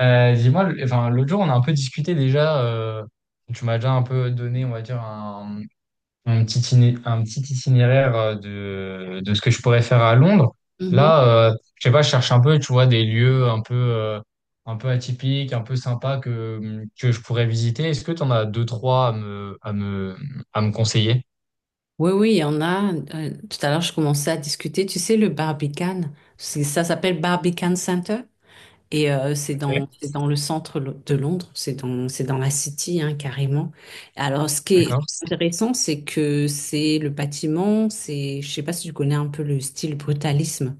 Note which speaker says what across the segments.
Speaker 1: Enfin, l'autre jour, on a un peu discuté déjà. Tu m'as déjà un peu donné, on va dire un un petit itinéraire de ce que je pourrais faire à Londres.
Speaker 2: Mhm.
Speaker 1: Je sais pas, je cherche un peu, tu vois, des lieux un peu, un peu atypiques, un peu sympas que je pourrais visiter. Est-ce que tu en as deux, trois à à me conseiller?
Speaker 2: Oui, oui, il y en a. Tout à l'heure, je commençais à discuter. Tu sais, le Barbican, ça s'appelle Barbican Center et c'est
Speaker 1: Ok.
Speaker 2: dans, c'est dans le centre de Londres, c'est dans la City, hein, carrément. Alors, ce qui est
Speaker 1: D'accord.
Speaker 2: intéressant, c'est que c'est le bâtiment, je sais pas si tu connais un peu le style brutalisme.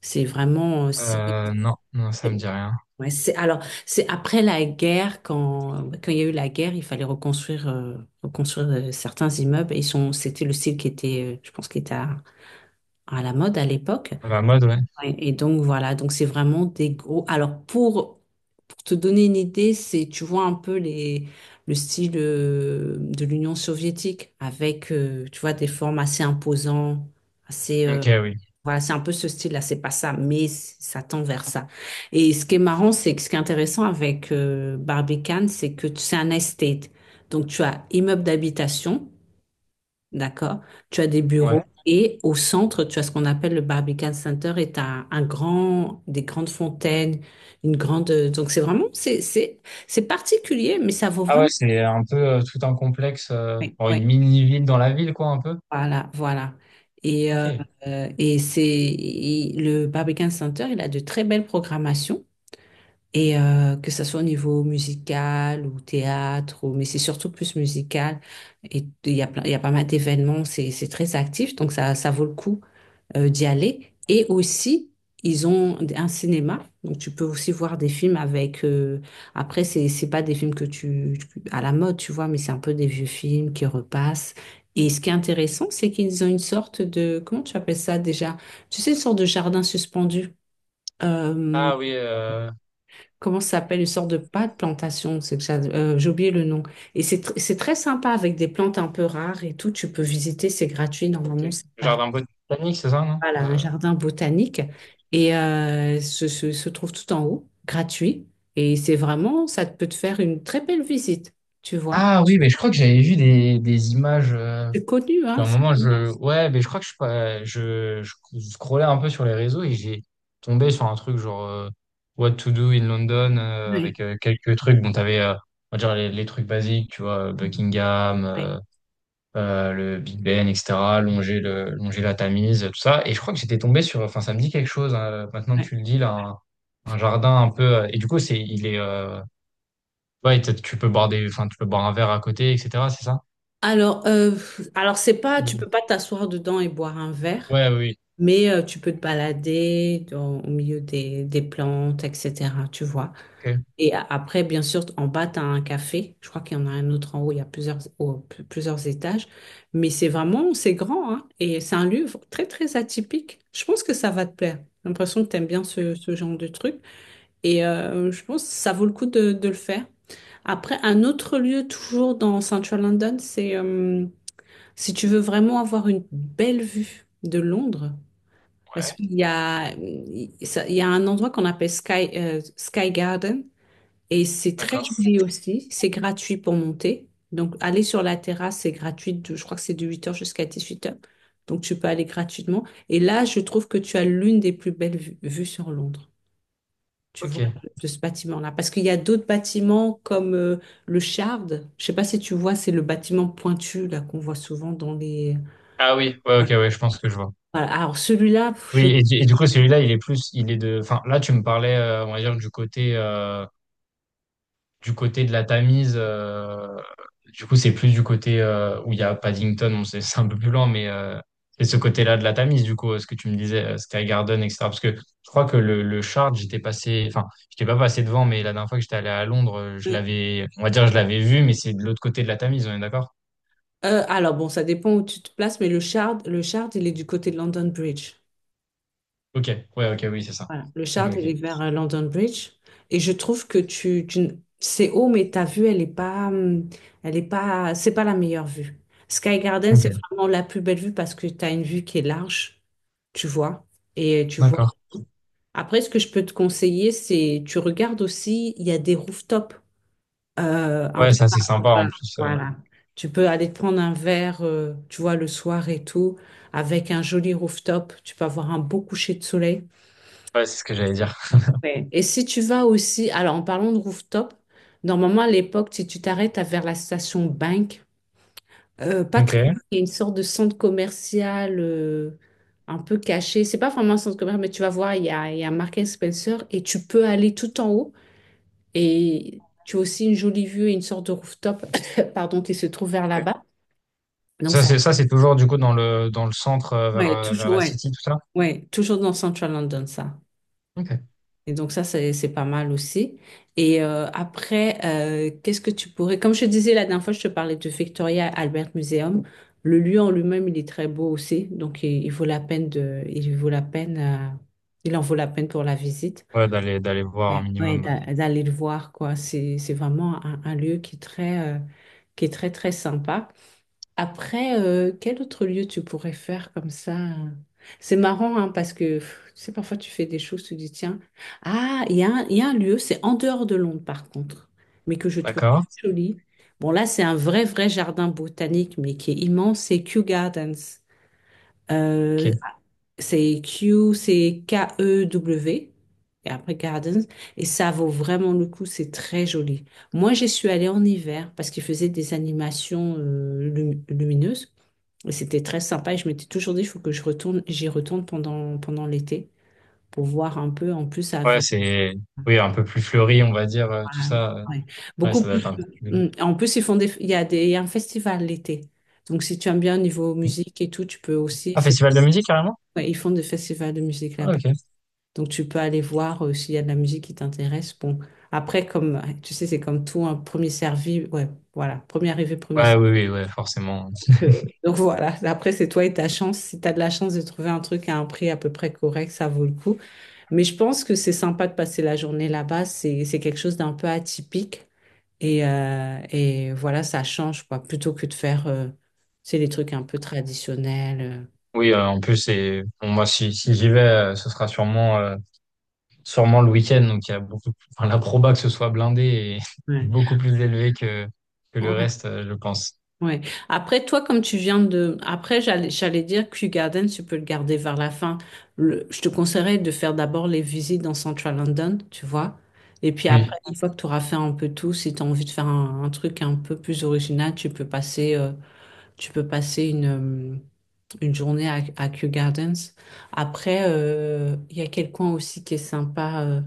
Speaker 2: C'est vraiment, c'est
Speaker 1: Non, non, ça me dit rien.
Speaker 2: Ouais, c'est après la guerre quand il y a eu la guerre, il fallait reconstruire certains immeubles et ils sont c'était le style qui était je pense qui était à la mode à l'époque.
Speaker 1: La mode, ouais.
Speaker 2: Ouais, et, donc voilà, donc c'est vraiment des gros alors pour te donner une idée, c'est tu vois un peu les le style de l'Union soviétique avec tu vois des formes assez imposantes, assez
Speaker 1: Ok, oui.
Speaker 2: voilà, c'est un peu ce style-là, c'est pas ça, mais ça tend vers ça. Et ce qui est marrant, c'est que ce qui est intéressant avec Barbican, c'est que c'est un estate. Donc, tu as immeuble d'habitation, d'accord? Tu as des bureaux
Speaker 1: Ouais.
Speaker 2: et au centre, tu as ce qu'on appelle le Barbican Center et tu as un grand, des grandes fontaines, une grande. Donc, c'est vraiment, c'est particulier, mais ça vaut
Speaker 1: Ah ouais,
Speaker 2: vraiment.
Speaker 1: c'est un peu tout un complexe, euh,
Speaker 2: Oui,
Speaker 1: bon, une
Speaker 2: oui.
Speaker 1: mini-ville dans la ville, quoi, un peu.
Speaker 2: Voilà, voilà. Et, euh,
Speaker 1: Ok.
Speaker 2: et le Barbican Center, il a de très belles programmations. Et que ça soit au niveau musical ou théâtre, ou mais c'est surtout plus musical. Et il y a il y a pas mal d'événements, c'est très actif, donc ça vaut le coup d'y aller. Et aussi, ils ont un cinéma, donc tu peux aussi voir des films avec. Après, c'est pas des films que tu à la mode, tu vois, mais c'est un peu des vieux films qui repassent. Et ce qui est intéressant, c'est qu'ils ont une sorte de comment tu appelles ça déjà? Tu sais, une sorte de jardin suspendu. Euh,
Speaker 1: Ah oui, euh,
Speaker 2: comment ça s'appelle, une sorte de pas de plantation, c'est que j'ai oublié le nom. Et c'est très sympa avec des plantes un peu rares et tout, tu peux visiter, c'est gratuit, normalement
Speaker 1: ok.
Speaker 2: c'est par
Speaker 1: Genre un peu de Titanic, c'est ça, non?
Speaker 2: voilà, un
Speaker 1: Euh,
Speaker 2: jardin botanique et se trouve tout en haut, gratuit. Et c'est vraiment, ça peut te faire une très belle visite, tu vois.
Speaker 1: Ah oui, mais je crois que j'avais vu des images.
Speaker 2: C'est connu,
Speaker 1: À
Speaker 2: hein.
Speaker 1: un moment, Ouais, mais je crois que je, suis pas- je scrollais un peu sur les réseaux et j'ai tombé sur un truc genre what to do in London
Speaker 2: Ouais.
Speaker 1: avec quelques trucs. On va dire, les trucs basiques, tu vois, Buckingham,
Speaker 2: Ouais.
Speaker 1: euh, euh, le Big Ben, etc., longer la Tamise, tout ça. Et je crois que j'étais tombé sur, enfin, ça me dit quelque chose, hein, maintenant que
Speaker 2: Ouais.
Speaker 1: tu le dis, là, un jardin un peu, et du coup, ouais, tu peux boire enfin, tu peux boire un verre à côté, etc., c'est ça?
Speaker 2: Alors, c'est pas, tu
Speaker 1: Mm.
Speaker 2: peux pas t'asseoir dedans et boire un verre.
Speaker 1: Ouais, oui,
Speaker 2: Mais tu peux te balader au milieu des plantes, etc. Tu vois.
Speaker 1: ok.
Speaker 2: Et après, bien sûr, en bas, tu as un café. Je crois qu'il y en a un autre en haut. Il y a plusieurs étages. Mais c'est vraiment, c'est grand, hein. Et c'est un lieu très, très atypique. Je pense que ça va te plaire. J'ai l'impression que tu aimes bien ce genre de truc. Et je pense que ça vaut le coup de le faire. Après, un autre lieu, toujours dans Central London, c'est si tu veux vraiment avoir une belle vue de Londres. Parce
Speaker 1: Ouais,
Speaker 2: qu'il y a un endroit qu'on appelle Sky Garden et c'est très
Speaker 1: d'accord.
Speaker 2: joli aussi. C'est gratuit pour monter. Donc, aller sur la terrasse, c'est gratuit. Je crois que c'est de 8 heures jusqu'à 18 heures, donc, tu peux aller gratuitement. Et là, je trouve que tu as l'une des plus belles vues sur Londres. Tu vois,
Speaker 1: Ok.
Speaker 2: de ce bâtiment-là. Parce qu'il y a d'autres bâtiments comme le Shard. Je sais pas si tu vois, c'est le bâtiment pointu là qu'on voit souvent dans les.
Speaker 1: Ah oui, ouais,
Speaker 2: Ouais.
Speaker 1: ok, ouais, je pense que je vois.
Speaker 2: Voilà. Alors, celui-là,
Speaker 1: Oui,
Speaker 2: pff,
Speaker 1: et du coup, celui-là, il est plus, il est de, enfin, là, tu me parlais, on va dire, du côté, du côté de la Tamise, du coup, c'est plus du côté où il y a Paddington, bon, c'est c'est un peu plus lent, mais c'est ce côté-là de la Tamise, du coup, ce que tu me disais, Sky Garden, etc. Parce que je crois que le Shard, j'étais passé, enfin, j'étais pas passé devant, mais la dernière fois que j'étais allé à Londres, je
Speaker 2: je.
Speaker 1: l'avais, on va dire, je l'avais vu, mais c'est de l'autre côté de la Tamise, on est d'accord?
Speaker 2: Alors, bon, ça dépend où tu te places, mais le Shard, il est du côté de London Bridge.
Speaker 1: Ok, ouais, ok, oui, c'est ça.
Speaker 2: Voilà, le
Speaker 1: Ok,
Speaker 2: Shard, il est
Speaker 1: ok.
Speaker 2: vers London Bridge. Et je trouve que c'est haut, mais ta vue, elle est pas, c'est pas la meilleure vue. Sky Garden, c'est
Speaker 1: Ok,
Speaker 2: vraiment la plus belle vue parce que tu as une vue qui est large, tu vois, et tu vois.
Speaker 1: d'accord.
Speaker 2: Après, ce que je peux te conseiller, c'est tu regardes aussi, il y a des rooftops, un
Speaker 1: Ouais,
Speaker 2: peu
Speaker 1: ça, c'est
Speaker 2: partout,
Speaker 1: sympa en
Speaker 2: hein.
Speaker 1: plus.
Speaker 2: Voilà. Tu peux aller te prendre un verre, tu vois, le soir et tout, avec un joli rooftop. Tu peux avoir un beau coucher de soleil.
Speaker 1: Ouais, c'est ce que j'allais dire.
Speaker 2: Ouais. Et si tu vas aussi, alors en parlant de rooftop, normalement à l'époque, si tu t'arrêtes vers la station Bank, pas
Speaker 1: Ok.
Speaker 2: très loin, il y a une sorte de centre commercial un peu caché. C'est pas vraiment un centre commercial, mais tu vas voir, il y a Marks and Spencer et tu peux aller tout en haut. Et tu as aussi une jolie vue et une sorte de rooftop, pardon, qui se trouve vers
Speaker 1: Ok.
Speaker 2: là-bas. Donc ça,
Speaker 1: Ça, c'est toujours du coup dans le centre euh, vers,
Speaker 2: ouais,
Speaker 1: euh, vers
Speaker 2: toujours,
Speaker 1: la
Speaker 2: ouais,
Speaker 1: City, tout ça?
Speaker 2: ouais, toujours dans Central London, ça.
Speaker 1: Ok.
Speaker 2: Et donc ça, c'est pas mal aussi. Et après, qu'est-ce que tu pourrais. Comme je te disais la dernière fois, je te parlais de Victoria Albert Museum. Le lieu en lui-même, il est très beau aussi. Donc il vaut la peine de. Il vaut la peine. Il en vaut la peine pour la visite.
Speaker 1: Ouais, d'aller voir un
Speaker 2: Ouais, ouais,
Speaker 1: minimum.
Speaker 2: d'aller le voir, quoi. C'est vraiment un lieu qui est très très sympa. Après, quel autre lieu tu pourrais faire comme ça? C'est marrant, hein, parce que pff, tu sais, parfois tu fais des choses, tu dis, tiens, ah, il y a un lieu, c'est en dehors de Londres par contre, mais que je trouve
Speaker 1: D'accord.
Speaker 2: très joli. Bon, là, c'est un vrai, vrai jardin botanique, mais qui est immense, c'est Kew Gardens.
Speaker 1: Ok.
Speaker 2: Euh, c'est Kew, c'est K-E-W, et après Gardens, et ça vaut vraiment le coup, c'est très joli. Moi, j'y suis allée en hiver parce qu'ils faisaient des animations lumineuses. Et c'était très sympa et je m'étais toujours dit, il faut que je retourne, j'y retourne pendant l'été pour voir un peu en plus
Speaker 1: Ouais,
Speaker 2: avec.
Speaker 1: c'est oui un peu plus fleuri, on va dire tout
Speaker 2: Voilà,
Speaker 1: ça.
Speaker 2: ouais.
Speaker 1: Ouais,
Speaker 2: Beaucoup
Speaker 1: ça doit être
Speaker 2: plus.
Speaker 1: un peu plus-
Speaker 2: Mm. En plus, ils font des, il y a des, il y a un festival l'été. Donc, si tu aimes bien au niveau musique et tout, tu peux aussi.
Speaker 1: Ah, festival de musique carrément?
Speaker 2: Ouais, ils font des festivals de musique
Speaker 1: Ah,
Speaker 2: là-bas.
Speaker 1: ok.
Speaker 2: Donc, tu peux aller voir s'il y a de la musique qui t'intéresse. Bon, après, comme tu sais, c'est comme tout, un premier servi. Ouais, voilà. Premier arrivé, premier
Speaker 1: Ouais,
Speaker 2: servi.
Speaker 1: oui, oui, ouais, forcément.
Speaker 2: Donc, euh, donc, voilà, après c'est toi et ta chance. Si tu as de la chance de trouver un truc à un prix à peu près correct, ça vaut le coup. Mais je pense que c'est sympa de passer la journée là-bas. C'est quelque chose d'un peu atypique. Et voilà, ça change, quoi, plutôt que de faire, c'est les trucs un peu traditionnels.
Speaker 1: Oui, en plus c'est bon, moi si j'y vais, ce sera sûrement sûrement le week-end, donc il y a beaucoup enfin, la proba que ce soit blindé est, est
Speaker 2: Ouais.
Speaker 1: beaucoup plus élevée que le
Speaker 2: Ouais.
Speaker 1: reste, je pense.
Speaker 2: Ouais. Après, toi, comme tu viens de. Après, j'allais dire Kew Garden, tu peux le garder vers la fin. Je te conseillerais de faire d'abord les visites dans Central London, tu vois. Et puis après,
Speaker 1: Oui.
Speaker 2: une fois que tu auras fait un peu tout, si tu as envie de faire un truc un peu plus original, tu peux passer euh, une journée à Kew Gardens. Après, il y a quel coin aussi qui est sympa.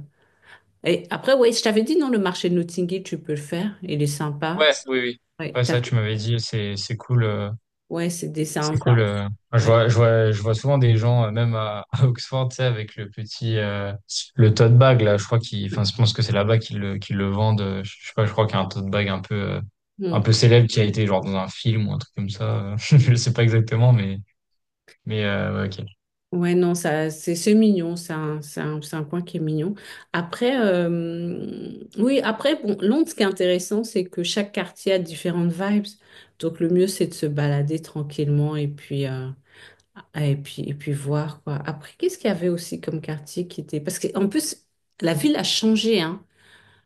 Speaker 2: Et après, ouais, je t'avais dit, non, le marché de Notting Hill, tu peux le faire. Il est sympa.
Speaker 1: Ouais, oui, oui.
Speaker 2: Ouais,
Speaker 1: Ouais, ça tu m'avais dit, c'est cool.
Speaker 2: ouais c'est des.
Speaker 1: C'est cool. euh. Enfin, je
Speaker 2: Ouais.
Speaker 1: vois, je vois, je vois souvent des gens, même à, à Oxford, tu sais, avec le petit, le tote bag, là. Je crois qu'ils,
Speaker 2: Ouais.
Speaker 1: enfin, je pense que c'est là-bas qu'ils qu'ils le vendent. Je sais pas, je crois qu'il y a un tote bag un peu, un
Speaker 2: Hmm.
Speaker 1: peu célèbre qui a été genre dans un film ou un truc comme ça. Je sais pas exactement, mais, ouais, ok.
Speaker 2: Ouais, non, ça, c'est mignon, c'est un coin qui est mignon. Après, oui, après, bon, Londres, ce qui est intéressant, c'est que chaque quartier a différentes vibes. Donc, le mieux, c'est de se balader tranquillement et puis, ah, et puis voir, quoi. Après, qu'est-ce qu'il y avait aussi comme quartier qui était. Parce qu'en plus, la ville a changé, hein.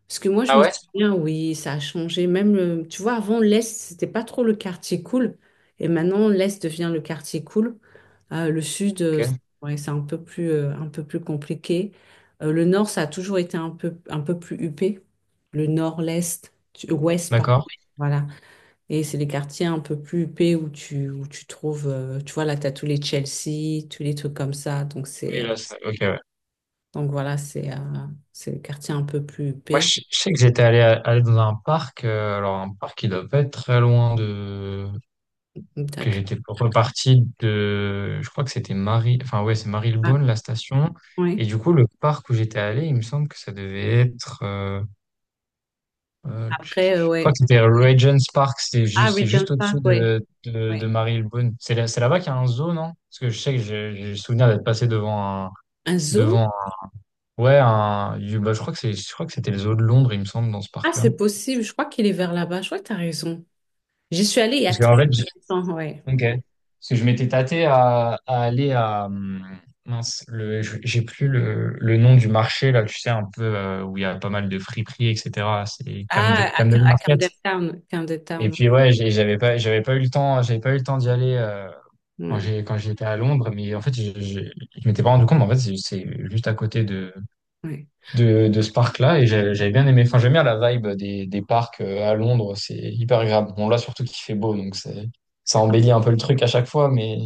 Speaker 2: Parce que moi, je
Speaker 1: Ah
Speaker 2: me
Speaker 1: ouais?
Speaker 2: souviens, oui, ça a changé. Même, tu vois, avant, l'Est, c'était pas trop le quartier cool. Et maintenant, l'Est devient le quartier cool. Le Sud,
Speaker 1: Ok.
Speaker 2: c'est ouais, c'est un peu plus compliqué. Le Nord, ça a toujours été un peu plus huppé. Le Nord, l'Est, Ouest, par
Speaker 1: D'accord.
Speaker 2: Voilà. Et c'est les quartiers un peu plus huppés où tu trouves, tu vois, là, tu as tous les Chelsea, tous les trucs comme ça. Donc,
Speaker 1: Oui,
Speaker 2: c'est, euh,
Speaker 1: là, ça- ok, ouais.
Speaker 2: donc voilà, c'est les quartiers un peu plus
Speaker 1: Moi,
Speaker 2: huppés.
Speaker 1: je sais que j'étais allé dans un parc, alors un parc qui doit pas être très loin de que
Speaker 2: D'accord.
Speaker 1: j'étais reparti de, je crois que c'était Marie, enfin ouais, c'est
Speaker 2: Ah,
Speaker 1: Marylebone, la station. Et
Speaker 2: oui.
Speaker 1: du coup, le parc où j'étais allé, il me semble que ça devait être,
Speaker 2: Après,
Speaker 1: je crois
Speaker 2: ouais.
Speaker 1: que c'était Regent's Park, c'est
Speaker 2: Ah,
Speaker 1: c'est juste
Speaker 2: Regent's Park,
Speaker 1: au-dessus
Speaker 2: oui.
Speaker 1: de
Speaker 2: Oui.
Speaker 1: Marylebone. C'est là, c'est là-bas qu'il y a un zoo, non? Parce que je sais que j'ai le souvenir d'être passé devant
Speaker 2: Un zoo?
Speaker 1: devant, ouais, un, bah, je crois que c'est, je crois que c'était le zoo de Londres, il me semble, dans ce
Speaker 2: Ah,
Speaker 1: parc-là.
Speaker 2: c'est possible. Je crois qu'il est vers là-bas. Je crois que tu as raison. J'y suis allée il y a
Speaker 1: Parce qu'en
Speaker 2: très
Speaker 1: fait,
Speaker 2: longtemps, ouais.
Speaker 1: ok. Parce que je m'étais tâté à aller à. Mince, j'ai plus le nom du marché, là, tu sais, un peu où il y a pas mal de friperies, etc. C'est
Speaker 2: Ah,
Speaker 1: Camden, Camden
Speaker 2: à
Speaker 1: Market.
Speaker 2: Camden Town. Camden
Speaker 1: Et
Speaker 2: Town,
Speaker 1: puis, ouais, j'avais pas eu le temps, j'avais pas eu le temps d'y aller
Speaker 2: ouais.
Speaker 1: quand
Speaker 2: Ouais.
Speaker 1: quand j'étais à Londres. Mais en fait, je m'étais pas rendu compte, mais en fait, c'est juste à côté
Speaker 2: Ouais.
Speaker 1: de ce parc-là. Et j'avais bien aimé. Enfin, j'aime bien la vibe des parcs à Londres. C'est hyper agréable. Bon, là, surtout qu'il fait beau, donc c'est ça embellit un peu le truc à chaque fois, mais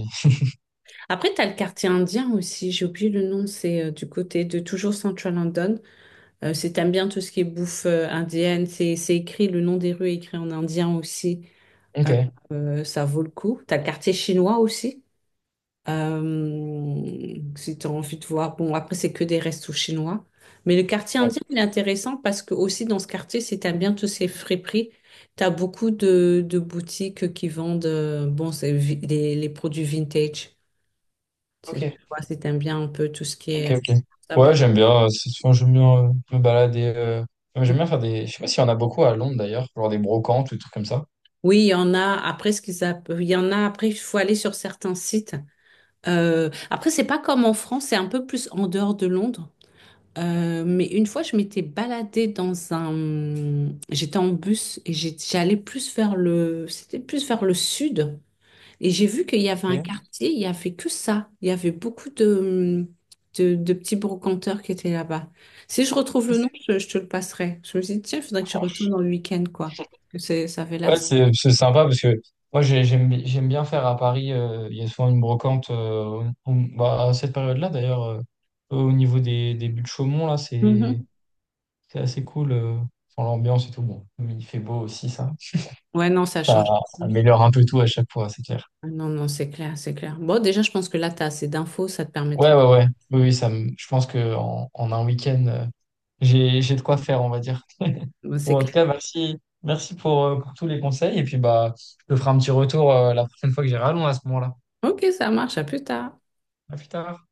Speaker 2: Après, tu as le quartier indien aussi. J'ai oublié le nom. C'est du côté de toujours Central London. Si t'aimes bien tout ce qui est bouffe indienne, c'est écrit, le nom des rues est écrit en indien aussi.
Speaker 1: ok,
Speaker 2: Euh,
Speaker 1: ouais.
Speaker 2: ça vaut le coup. T'as le quartier chinois aussi. Si t'as envie de voir. Bon, après, c'est que des restos chinois. Mais le quartier indien, il est intéressant parce que aussi dans ce quartier, si t'aimes bien tous ces friperies, t'as beaucoup de boutiques qui vendent bon, c'est les produits vintage.
Speaker 1: Ok,
Speaker 2: Tu vois, si t'aimes bien un peu tout ce qui
Speaker 1: ok,
Speaker 2: est.
Speaker 1: ok.
Speaker 2: Ça,
Speaker 1: Ouais,
Speaker 2: bon.
Speaker 1: j'aime bien. C'est souvent, j'aime bien me balader. Ouais, j'aime bien faire des. Je sais pas s'il y en a beaucoup à Londres d'ailleurs, genre des brocantes ou des trucs comme ça.
Speaker 2: Oui, il y en a après il y en a après il faut aller sur certains sites. Après, c'est pas comme en France, c'est un peu plus en dehors de Londres. Mais une fois je m'étais baladée dans un j'étais en bus et j'allais plus vers le c'était plus vers le sud et j'ai vu qu'il y avait un
Speaker 1: Ok.
Speaker 2: quartier, il y avait que ça. Il y avait beaucoup de petits brocanteurs qui étaient là-bas. Si je retrouve le nom, je te le passerai. Je me suis dit tiens, il faudrait que je retourne dans le week-end quoi. Que c'est ça avait l'air.
Speaker 1: Ouais, c'est sympa parce que moi j'aime bien faire à Paris. Il y a souvent une brocante bah, à cette période-là d'ailleurs au niveau des buts de Chaumont là
Speaker 2: Mhm.
Speaker 1: c'est assez cool. Enfin, l'ambiance et tout bon, mais il fait beau aussi ça.
Speaker 2: Ouais, non, ça
Speaker 1: Ça
Speaker 2: change.
Speaker 1: améliore un peu tout à chaque fois, c'est clair.
Speaker 2: Ah, non, non, c'est clair, c'est clair. Bon, déjà, je pense que là, tu as assez d'infos, ça te
Speaker 1: Ouais
Speaker 2: permettra.
Speaker 1: ouais ouais oui oui ça me- je pense que en un week-end j'ai de quoi faire on va dire.
Speaker 2: Bon, c'est
Speaker 1: Bon, en tout
Speaker 2: clair.
Speaker 1: cas merci merci pour tous les conseils et puis bah je te ferai un petit retour la prochaine fois que j'irai à Londres à ce moment-là.
Speaker 2: Ok, ça marche, à plus tard.
Speaker 1: À plus tard.